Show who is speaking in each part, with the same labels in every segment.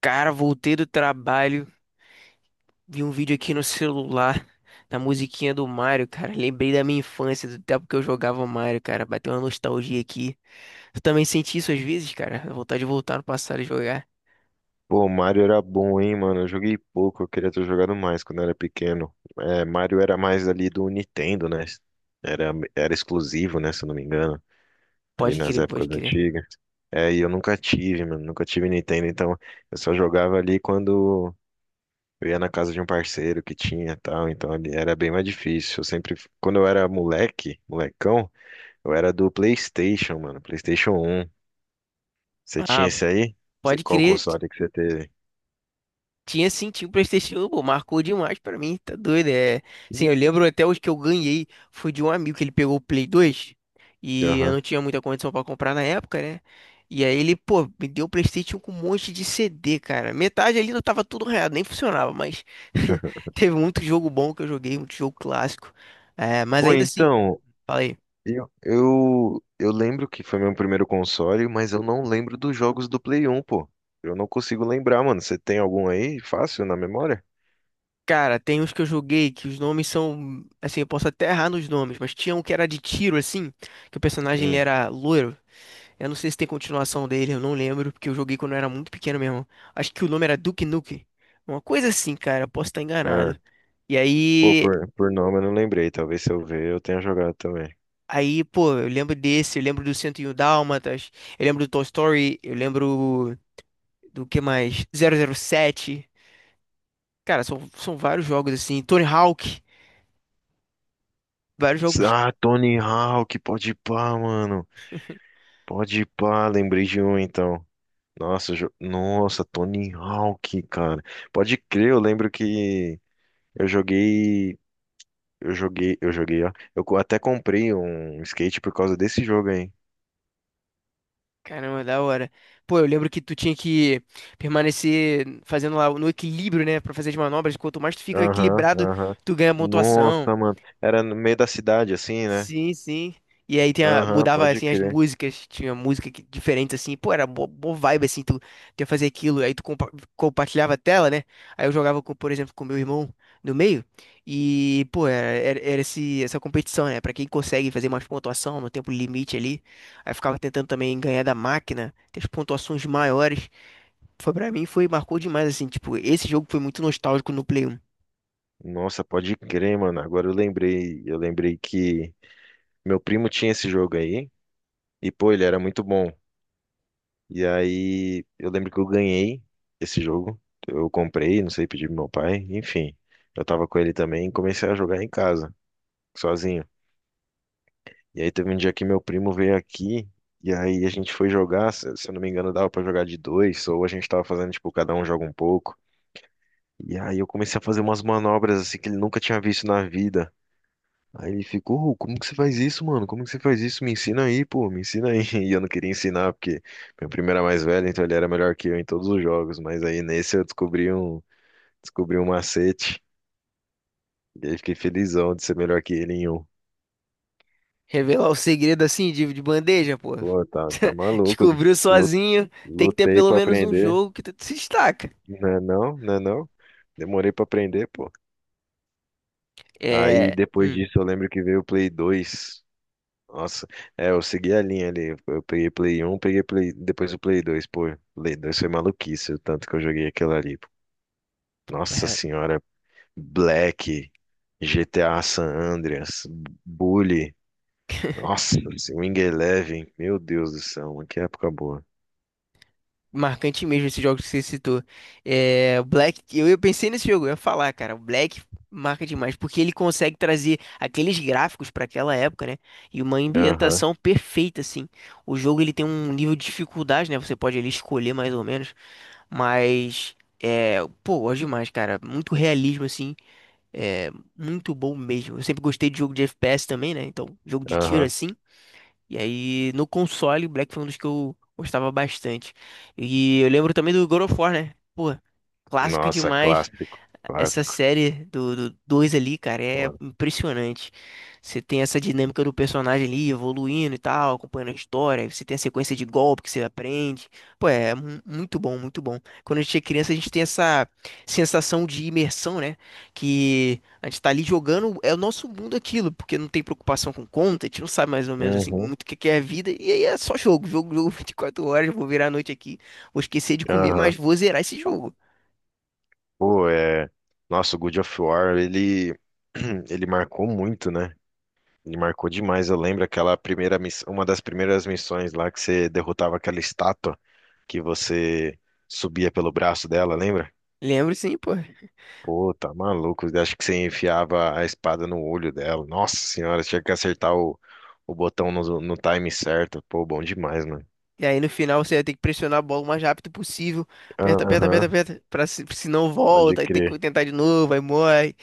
Speaker 1: Cara, voltei do trabalho, vi um vídeo aqui no celular, da musiquinha do Mario, cara. Lembrei da minha infância, do tempo que eu jogava Mario, cara. Bateu uma nostalgia aqui. Tu também senti isso às vezes, cara? A vontade de voltar no passado e jogar.
Speaker 2: Pô, Mario era bom, hein, mano? Eu joguei pouco, eu queria ter jogado mais quando eu era pequeno. É, Mario era mais ali do Nintendo, né? Era exclusivo, né, se eu não me engano, ali
Speaker 1: Pode
Speaker 2: nas
Speaker 1: crer, pode
Speaker 2: épocas
Speaker 1: crer.
Speaker 2: antigas. É, e eu nunca tive, mano, nunca tive Nintendo, então eu só jogava ali quando eu ia na casa de um parceiro que tinha e tal, então ali era bem mais difícil. Eu sempre, quando eu era moleque, molecão, eu era do PlayStation, mano, PlayStation um. Você tinha
Speaker 1: Ah,
Speaker 2: esse aí? Você,
Speaker 1: pode
Speaker 2: qual
Speaker 1: crer.
Speaker 2: console que você teve?
Speaker 1: Tinha sim, tinha o PlayStation 1, pô, marcou demais pra mim, tá doido, é. Sim, eu
Speaker 2: Hum.
Speaker 1: lembro até hoje que eu ganhei, foi de um amigo que ele pegou o Play 2 e eu
Speaker 2: Aham.
Speaker 1: não tinha muita condição pra comprar na época, né? E aí ele, pô, me deu o PlayStation 1 com um monte de CD, cara. Metade ali não tava tudo reado, nem funcionava, mas teve muito jogo bom que eu joguei, muito jogo clássico. É, mas
Speaker 2: Pô,
Speaker 1: ainda assim,
Speaker 2: então,
Speaker 1: falei,
Speaker 2: eu lembro que foi meu primeiro console, mas eu não lembro dos jogos do Play 1, pô. Eu não consigo lembrar, mano. Você tem algum aí fácil na memória?
Speaker 1: cara, tem uns que eu joguei que os nomes são, assim, eu posso até errar nos nomes, mas tinha um que era de tiro assim, que o personagem ele
Speaker 2: Hum,
Speaker 1: era loiro. Eu não sei se tem continuação dele, eu não lembro, porque eu joguei quando eu era muito pequeno mesmo. Acho que o nome era Duke Nukem. Uma coisa assim, cara, eu posso estar
Speaker 2: é.
Speaker 1: enganado. E
Speaker 2: Pô,
Speaker 1: aí,
Speaker 2: por nome eu não lembrei. Talvez se eu ver eu tenha jogado também.
Speaker 1: aí, pô, eu lembro desse, eu lembro do 101 Dálmatas, eu lembro do Toy Story, eu lembro do que mais? 007. Cara, são vários jogos assim, Tony Hawk, vários jogos,
Speaker 2: Ah, Tony Hawk, pode pá, mano. Pode pá, lembrei de um então. Nossa, Tony Hawk, cara. Pode crer, eu lembro que eu joguei. Eu joguei, eu joguei, ó. Eu até comprei um skate por causa desse jogo aí.
Speaker 1: caramba, da hora. Pô, eu lembro que tu tinha que permanecer fazendo lá no equilíbrio, né, pra fazer as manobras, quanto mais tu fica
Speaker 2: Aham,
Speaker 1: equilibrado,
Speaker 2: aham.
Speaker 1: tu ganha
Speaker 2: Nossa,
Speaker 1: pontuação.
Speaker 2: mano. Era no meio da cidade, assim, né?
Speaker 1: Sim, sim. E aí tinha,
Speaker 2: Aham,
Speaker 1: mudava
Speaker 2: pode
Speaker 1: assim as
Speaker 2: crer.
Speaker 1: músicas, tinha música que, diferente assim, pô, era boa, vibe assim, tu ia fazer aquilo, aí tu compartilhava a tela, né? Aí eu jogava com, por exemplo, com meu irmão no meio, e pô, era essa competição, né? Pra quem consegue fazer mais pontuação no tempo limite ali. Aí eu ficava tentando também ganhar da máquina, ter as pontuações maiores. Foi pra mim, foi, marcou demais, assim, tipo, esse jogo foi muito nostálgico no Play 1.
Speaker 2: Nossa, pode crer, mano. Agora eu lembrei que meu primo tinha esse jogo aí e pô, ele era muito bom. E aí eu lembro que eu ganhei esse jogo. Eu comprei, não sei, pedi pro meu pai, enfim. Eu tava com ele também e comecei a jogar em casa, sozinho. E aí teve um dia que meu primo veio aqui e aí a gente foi jogar, se eu não me engano, dava pra jogar de dois ou a gente tava fazendo tipo cada um joga um pouco. E aí eu comecei a fazer umas manobras assim que ele nunca tinha visto na vida. Aí ele ficou: "Ô, como que você faz isso, mano? Como que você faz isso? Me ensina aí, pô, me ensina aí." E eu não queria ensinar, porque meu primo era mais velho, então ele era melhor que eu em todos os jogos. Mas aí nesse eu descobri um macete. E aí fiquei felizão de ser melhor que ele em um.
Speaker 1: Revelar o segredo assim de bandeja, pô.
Speaker 2: Pô, tá maluco.
Speaker 1: Descobriu
Speaker 2: Lu-
Speaker 1: sozinho, tem que ter
Speaker 2: Lutei
Speaker 1: pelo
Speaker 2: pra
Speaker 1: menos um
Speaker 2: aprender.
Speaker 1: jogo que tu se destaca.
Speaker 2: Não é não, não é não. Demorei pra aprender, pô. Aí
Speaker 1: É.
Speaker 2: depois disso eu lembro que veio o Play 2. Nossa, é, eu segui a linha ali. Eu peguei Play 1, peguei Play, depois o Play 2. Pô, Play 2 foi maluquice, o tanto que eu joguei aquilo ali. Nossa senhora, Black, GTA San Andreas, Bully, nossa, esse Wing Eleven, meu Deus do céu, mano, que época boa.
Speaker 1: Marcante mesmo esse jogo que você citou. É, o Black, eu pensei nesse jogo, eu ia falar, cara, o Black marca demais, porque ele consegue trazer aqueles gráficos para aquela época, né? E uma
Speaker 2: Aham,
Speaker 1: ambientação perfeita, assim. O jogo ele tem um nível de dificuldade, né? Você pode ali escolher mais ou menos, mas é, pô, gosto demais, cara. Muito realismo, assim. É muito bom mesmo. Eu sempre gostei de jogo de FPS também, né? Então, jogo de tiro
Speaker 2: aham.
Speaker 1: assim. E aí, no console, Black foi um dos que eu gostava bastante. E eu lembro também do God of War, né? Pô, clássico
Speaker 2: Nossa,
Speaker 1: demais.
Speaker 2: clássico,
Speaker 1: Essa
Speaker 2: clássico.
Speaker 1: série do dois ali, cara, é
Speaker 2: Mano.
Speaker 1: impressionante. Você tem essa dinâmica do personagem ali evoluindo e tal, acompanhando a história. Você tem a sequência de golpe que você aprende. Pô, é muito bom, muito bom. Quando a gente é criança, a gente tem essa sensação de imersão, né? Que a gente tá ali jogando, é o nosso mundo aquilo, porque não tem preocupação com conta, a gente não sabe mais ou menos assim
Speaker 2: Uhum,
Speaker 1: muito o que que é a vida. E aí é só jogo, jogo, jogo 24 horas. Vou virar a noite aqui, vou esquecer de comer, mas
Speaker 2: aham.
Speaker 1: vou zerar esse jogo.
Speaker 2: Pô, é. Nossa, o God of War, ele, ele marcou muito, né? Me marcou demais. Eu lembro aquela primeira miss... uma das primeiras missões lá que você derrotava aquela estátua, que você subia pelo braço dela, lembra?
Speaker 1: Lembro sim, pô.
Speaker 2: Pô, tá maluco. Eu acho que você enfiava a espada no olho dela. Nossa senhora, tinha que acertar o botão no... no time certo. Pô, bom demais, mano.
Speaker 1: E aí no final você vai ter que pressionar a bola o mais rápido possível. Aperta, aperta, aperta,
Speaker 2: Aham,
Speaker 1: aperta. Pra se não
Speaker 2: pode
Speaker 1: volta, aí tem que
Speaker 2: crer.
Speaker 1: tentar de novo, aí morre.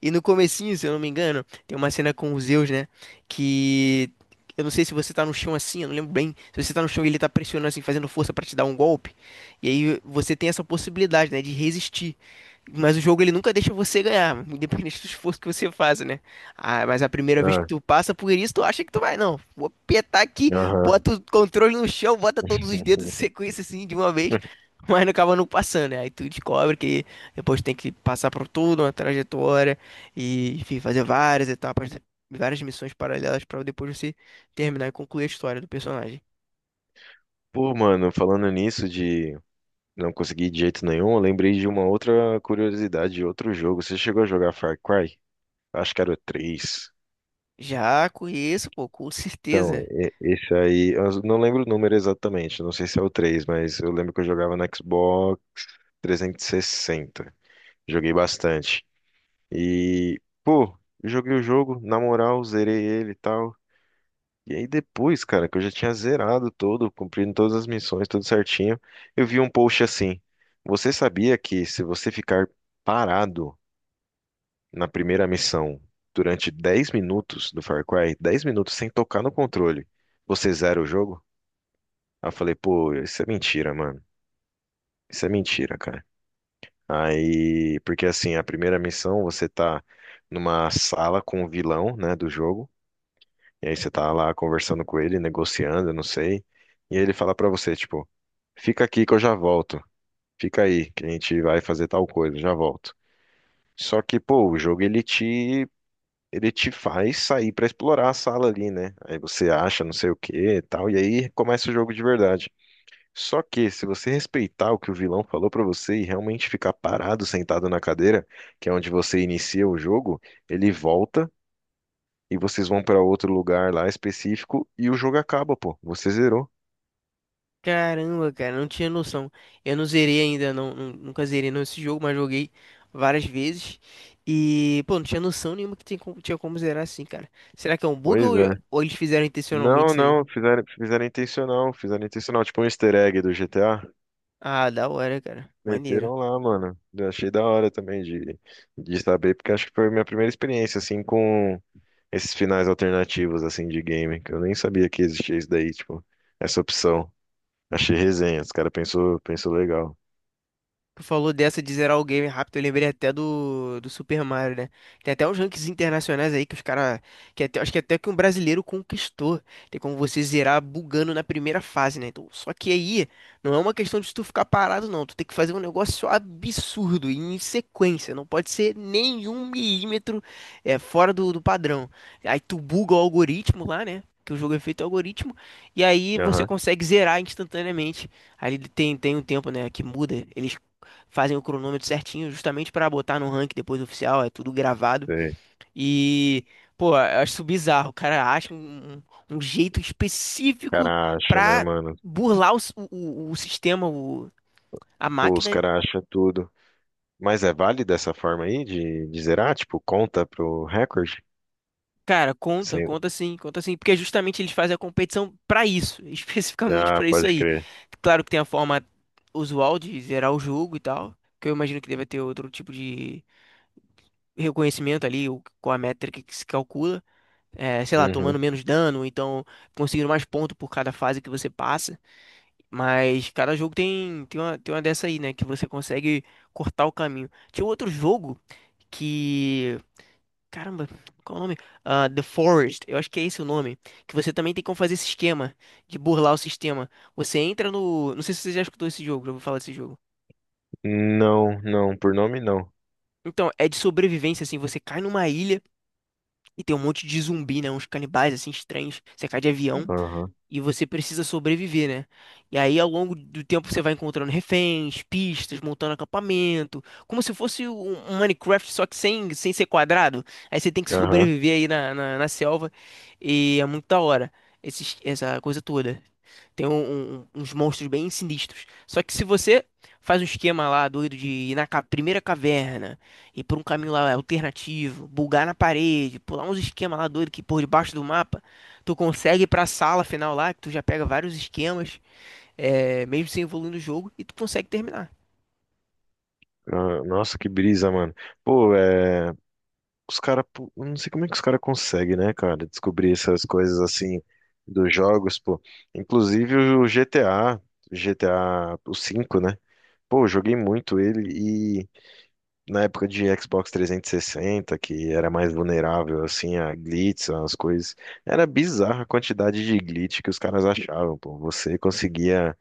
Speaker 1: E no comecinho, se eu não me engano, tem uma cena com o Zeus, né? Que eu não sei se você tá no chão assim, eu não lembro bem. Se você tá no chão e ele tá pressionando assim, fazendo força pra te dar um golpe, e aí você tem essa possibilidade, né, de resistir. Mas o jogo ele nunca deixa você ganhar, independente do esforço que você faça, né? Ah, mas a primeira vez que
Speaker 2: Ah,
Speaker 1: tu passa por isso, tu acha que tu vai, não, vou apertar aqui,
Speaker 2: aham.
Speaker 1: bota o controle no chão, bota todos os dedos em sequência assim de uma vez, mas não acaba não passando, né? Aí tu descobre que depois tem que passar por toda uma trajetória e, enfim, fazer várias etapas, várias missões paralelas para depois você terminar e concluir a história do personagem.
Speaker 2: Pô, mano, falando nisso de não conseguir de jeito nenhum, eu lembrei de uma outra curiosidade de outro jogo. Você chegou a jogar Far Cry? Acho que era o 3.
Speaker 1: Já conheço, pô, com
Speaker 2: Então,
Speaker 1: certeza.
Speaker 2: esse aí, eu não lembro o número exatamente, não sei se é o 3, mas eu lembro que eu jogava no Xbox 360. Joguei bastante. E, pô, joguei o jogo, na moral, zerei ele e tal. E aí depois, cara, que eu já tinha zerado todo, cumprindo todas as missões, tudo certinho, eu vi um post assim: você sabia que se você ficar parado na primeira missão durante 10 minutos do Far Cry, 10 minutos sem tocar no controle, você zera o jogo? Aí eu falei, pô, isso é mentira, mano. Isso é mentira, cara. Aí, porque assim, a primeira missão você tá numa sala com o vilão, né, do jogo, e aí você tá lá conversando com ele, negociando, eu não sei, e aí ele fala pra você, tipo, fica aqui que eu já volto. Fica aí, que a gente vai fazer tal coisa, já volto. Só que, pô, o jogo ele te faz sair pra explorar a sala ali, né? Aí você acha não sei o que e tal, e aí começa o jogo de verdade. Só que se você respeitar o que o vilão falou pra você e realmente ficar parado, sentado na cadeira, que é onde você inicia o jogo, ele volta e vocês vão pra outro lugar lá específico e o jogo acaba, pô. Você zerou.
Speaker 1: Caramba, cara, não tinha noção. Eu não zerei ainda, não, nunca zerei não esse jogo, mas joguei várias vezes. E, pô, não tinha noção nenhuma que tinha como zerar assim, cara. Será que é um bug
Speaker 2: Pois
Speaker 1: ou,
Speaker 2: é.
Speaker 1: ou eles fizeram intencionalmente
Speaker 2: Não,
Speaker 1: isso aí?
Speaker 2: não, fizeram intencional, fizeram intencional, tipo um easter egg do GTA.
Speaker 1: Ah, da hora, cara. Maneiro.
Speaker 2: Meteram lá, mano. Eu achei da hora também de saber, porque acho que foi a minha primeira experiência, assim, com esses finais alternativos, assim, de game, que eu nem sabia que existia isso daí, tipo, essa opção. Achei resenha, os cara pensou, pensou legal.
Speaker 1: Tu falou dessa de zerar o game rápido, eu lembrei até do Super Mario, né? Tem até uns rankings internacionais aí que os caras. Que até, acho que até que um brasileiro conquistou. Tem como você zerar bugando na primeira fase, né? Então, só que aí não é uma questão de tu ficar parado, não. Tu tem que fazer um negócio absurdo, em sequência. Não pode ser nenhum milímetro é, fora do padrão. Aí tu buga o algoritmo lá, né? Que o jogo é feito algoritmo, e aí você
Speaker 2: Aham,
Speaker 1: consegue zerar instantaneamente. Aí ele tem um tempo, né, que muda. Eles fazem o cronômetro certinho, justamente para botar no ranking depois oficial, é tudo gravado.
Speaker 2: sei. O
Speaker 1: E, pô, eu acho isso bizarro. O cara acha um jeito específico
Speaker 2: cara acha, né,
Speaker 1: pra
Speaker 2: mano?
Speaker 1: burlar o sistema, a
Speaker 2: Pô, os
Speaker 1: máquina.
Speaker 2: cara acham tudo. Mas é válido essa forma aí de zerar? Tipo, conta pro recorde?
Speaker 1: Cara, conta,
Speaker 2: Sem...
Speaker 1: conta sim, porque justamente eles fazem a competição pra isso, especificamente
Speaker 2: Ah,
Speaker 1: pra isso
Speaker 2: pode
Speaker 1: aí.
Speaker 2: crer.
Speaker 1: Claro que tem a forma usual de zerar o jogo e tal, que eu imagino que deve ter outro tipo de reconhecimento ali, com a métrica que se calcula. É, sei lá, tomando
Speaker 2: Uhum.
Speaker 1: menos dano, ou então conseguindo mais ponto por cada fase que você passa. Mas cada jogo tem uma dessa aí, né? Que você consegue cortar o caminho. Tinha um outro jogo que. Caramba, qual é o nome? Ah, The Forest, eu acho que é esse o nome. Que você também tem como fazer esse esquema de burlar o sistema. Você entra no. Não sei se você já escutou esse jogo, já vou falar desse jogo.
Speaker 2: Não, não, por nome não.
Speaker 1: Então, é de sobrevivência, assim, você cai numa ilha e tem um monte de zumbi, né? Uns canibais, assim, estranhos. Você cai de avião.
Speaker 2: Aham,
Speaker 1: E você precisa sobreviver, né? E aí, ao longo do tempo, você vai encontrando reféns, pistas, montando acampamento, como se fosse um Minecraft, só que sem ser quadrado. Aí você tem que
Speaker 2: aham.
Speaker 1: sobreviver aí na selva, e é muito da hora, essa coisa toda. Tem uns monstros bem sinistros. Só que se você faz um esquema lá doido de ir na primeira caverna, ir por um caminho lá alternativo, bugar na parede, pular uns esquemas lá doido que por debaixo do mapa, tu consegue ir pra sala final lá, que tu já pega vários esquemas, é, mesmo sem evoluir no jogo, e tu consegue terminar.
Speaker 2: Ah, nossa, que brisa, mano. Pô, é. Os caras. Não sei como é que os caras conseguem, né, cara? Descobrir essas coisas assim dos jogos, pô. Inclusive o GTA, o 5 né? Pô, eu joguei muito ele e na época de Xbox 360, que era mais vulnerável, assim, a glitches, as coisas. Era bizarra a quantidade de glitch que os caras achavam, pô. Você conseguia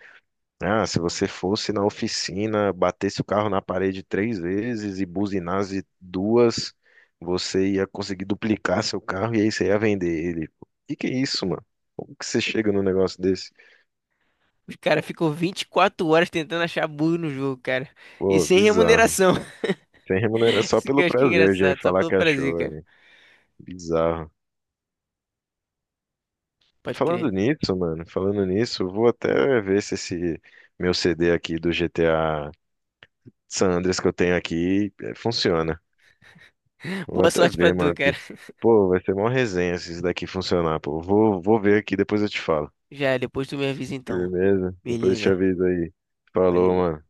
Speaker 2: se você fosse na oficina, batesse o carro na parede três vezes e buzinasse duas, você ia conseguir duplicar seu carro e aí você ia vender ele. O que que é isso, mano? Como que você chega num negócio desse?
Speaker 1: Os caras ficam 24 horas tentando achar bug no jogo, cara. E
Speaker 2: Pô,
Speaker 1: sem
Speaker 2: bizarro.
Speaker 1: remuneração.
Speaker 2: Sem remuneração só
Speaker 1: Isso que
Speaker 2: pelo
Speaker 1: eu acho que é
Speaker 2: prazer de aí
Speaker 1: engraçado, só
Speaker 2: falar
Speaker 1: pelo
Speaker 2: que
Speaker 1: prazer,
Speaker 2: achou.
Speaker 1: cara.
Speaker 2: Aí. Bizarro.
Speaker 1: Pode crer.
Speaker 2: Falando nisso, mano, falando nisso, eu vou até ver se esse meu CD aqui do GTA San Andreas que eu tenho aqui funciona. Vou
Speaker 1: Boa
Speaker 2: até
Speaker 1: sorte pra
Speaker 2: ver,
Speaker 1: tu,
Speaker 2: mano,
Speaker 1: cara.
Speaker 2: porque, pô, vai ser mó resenha se isso daqui funcionar, pô. Vou ver aqui, depois eu te falo.
Speaker 1: Já, depois tu me avisa então.
Speaker 2: Firmeza? Depois eu te
Speaker 1: Beleza,
Speaker 2: aviso aí. Falou,
Speaker 1: valeu.
Speaker 2: mano.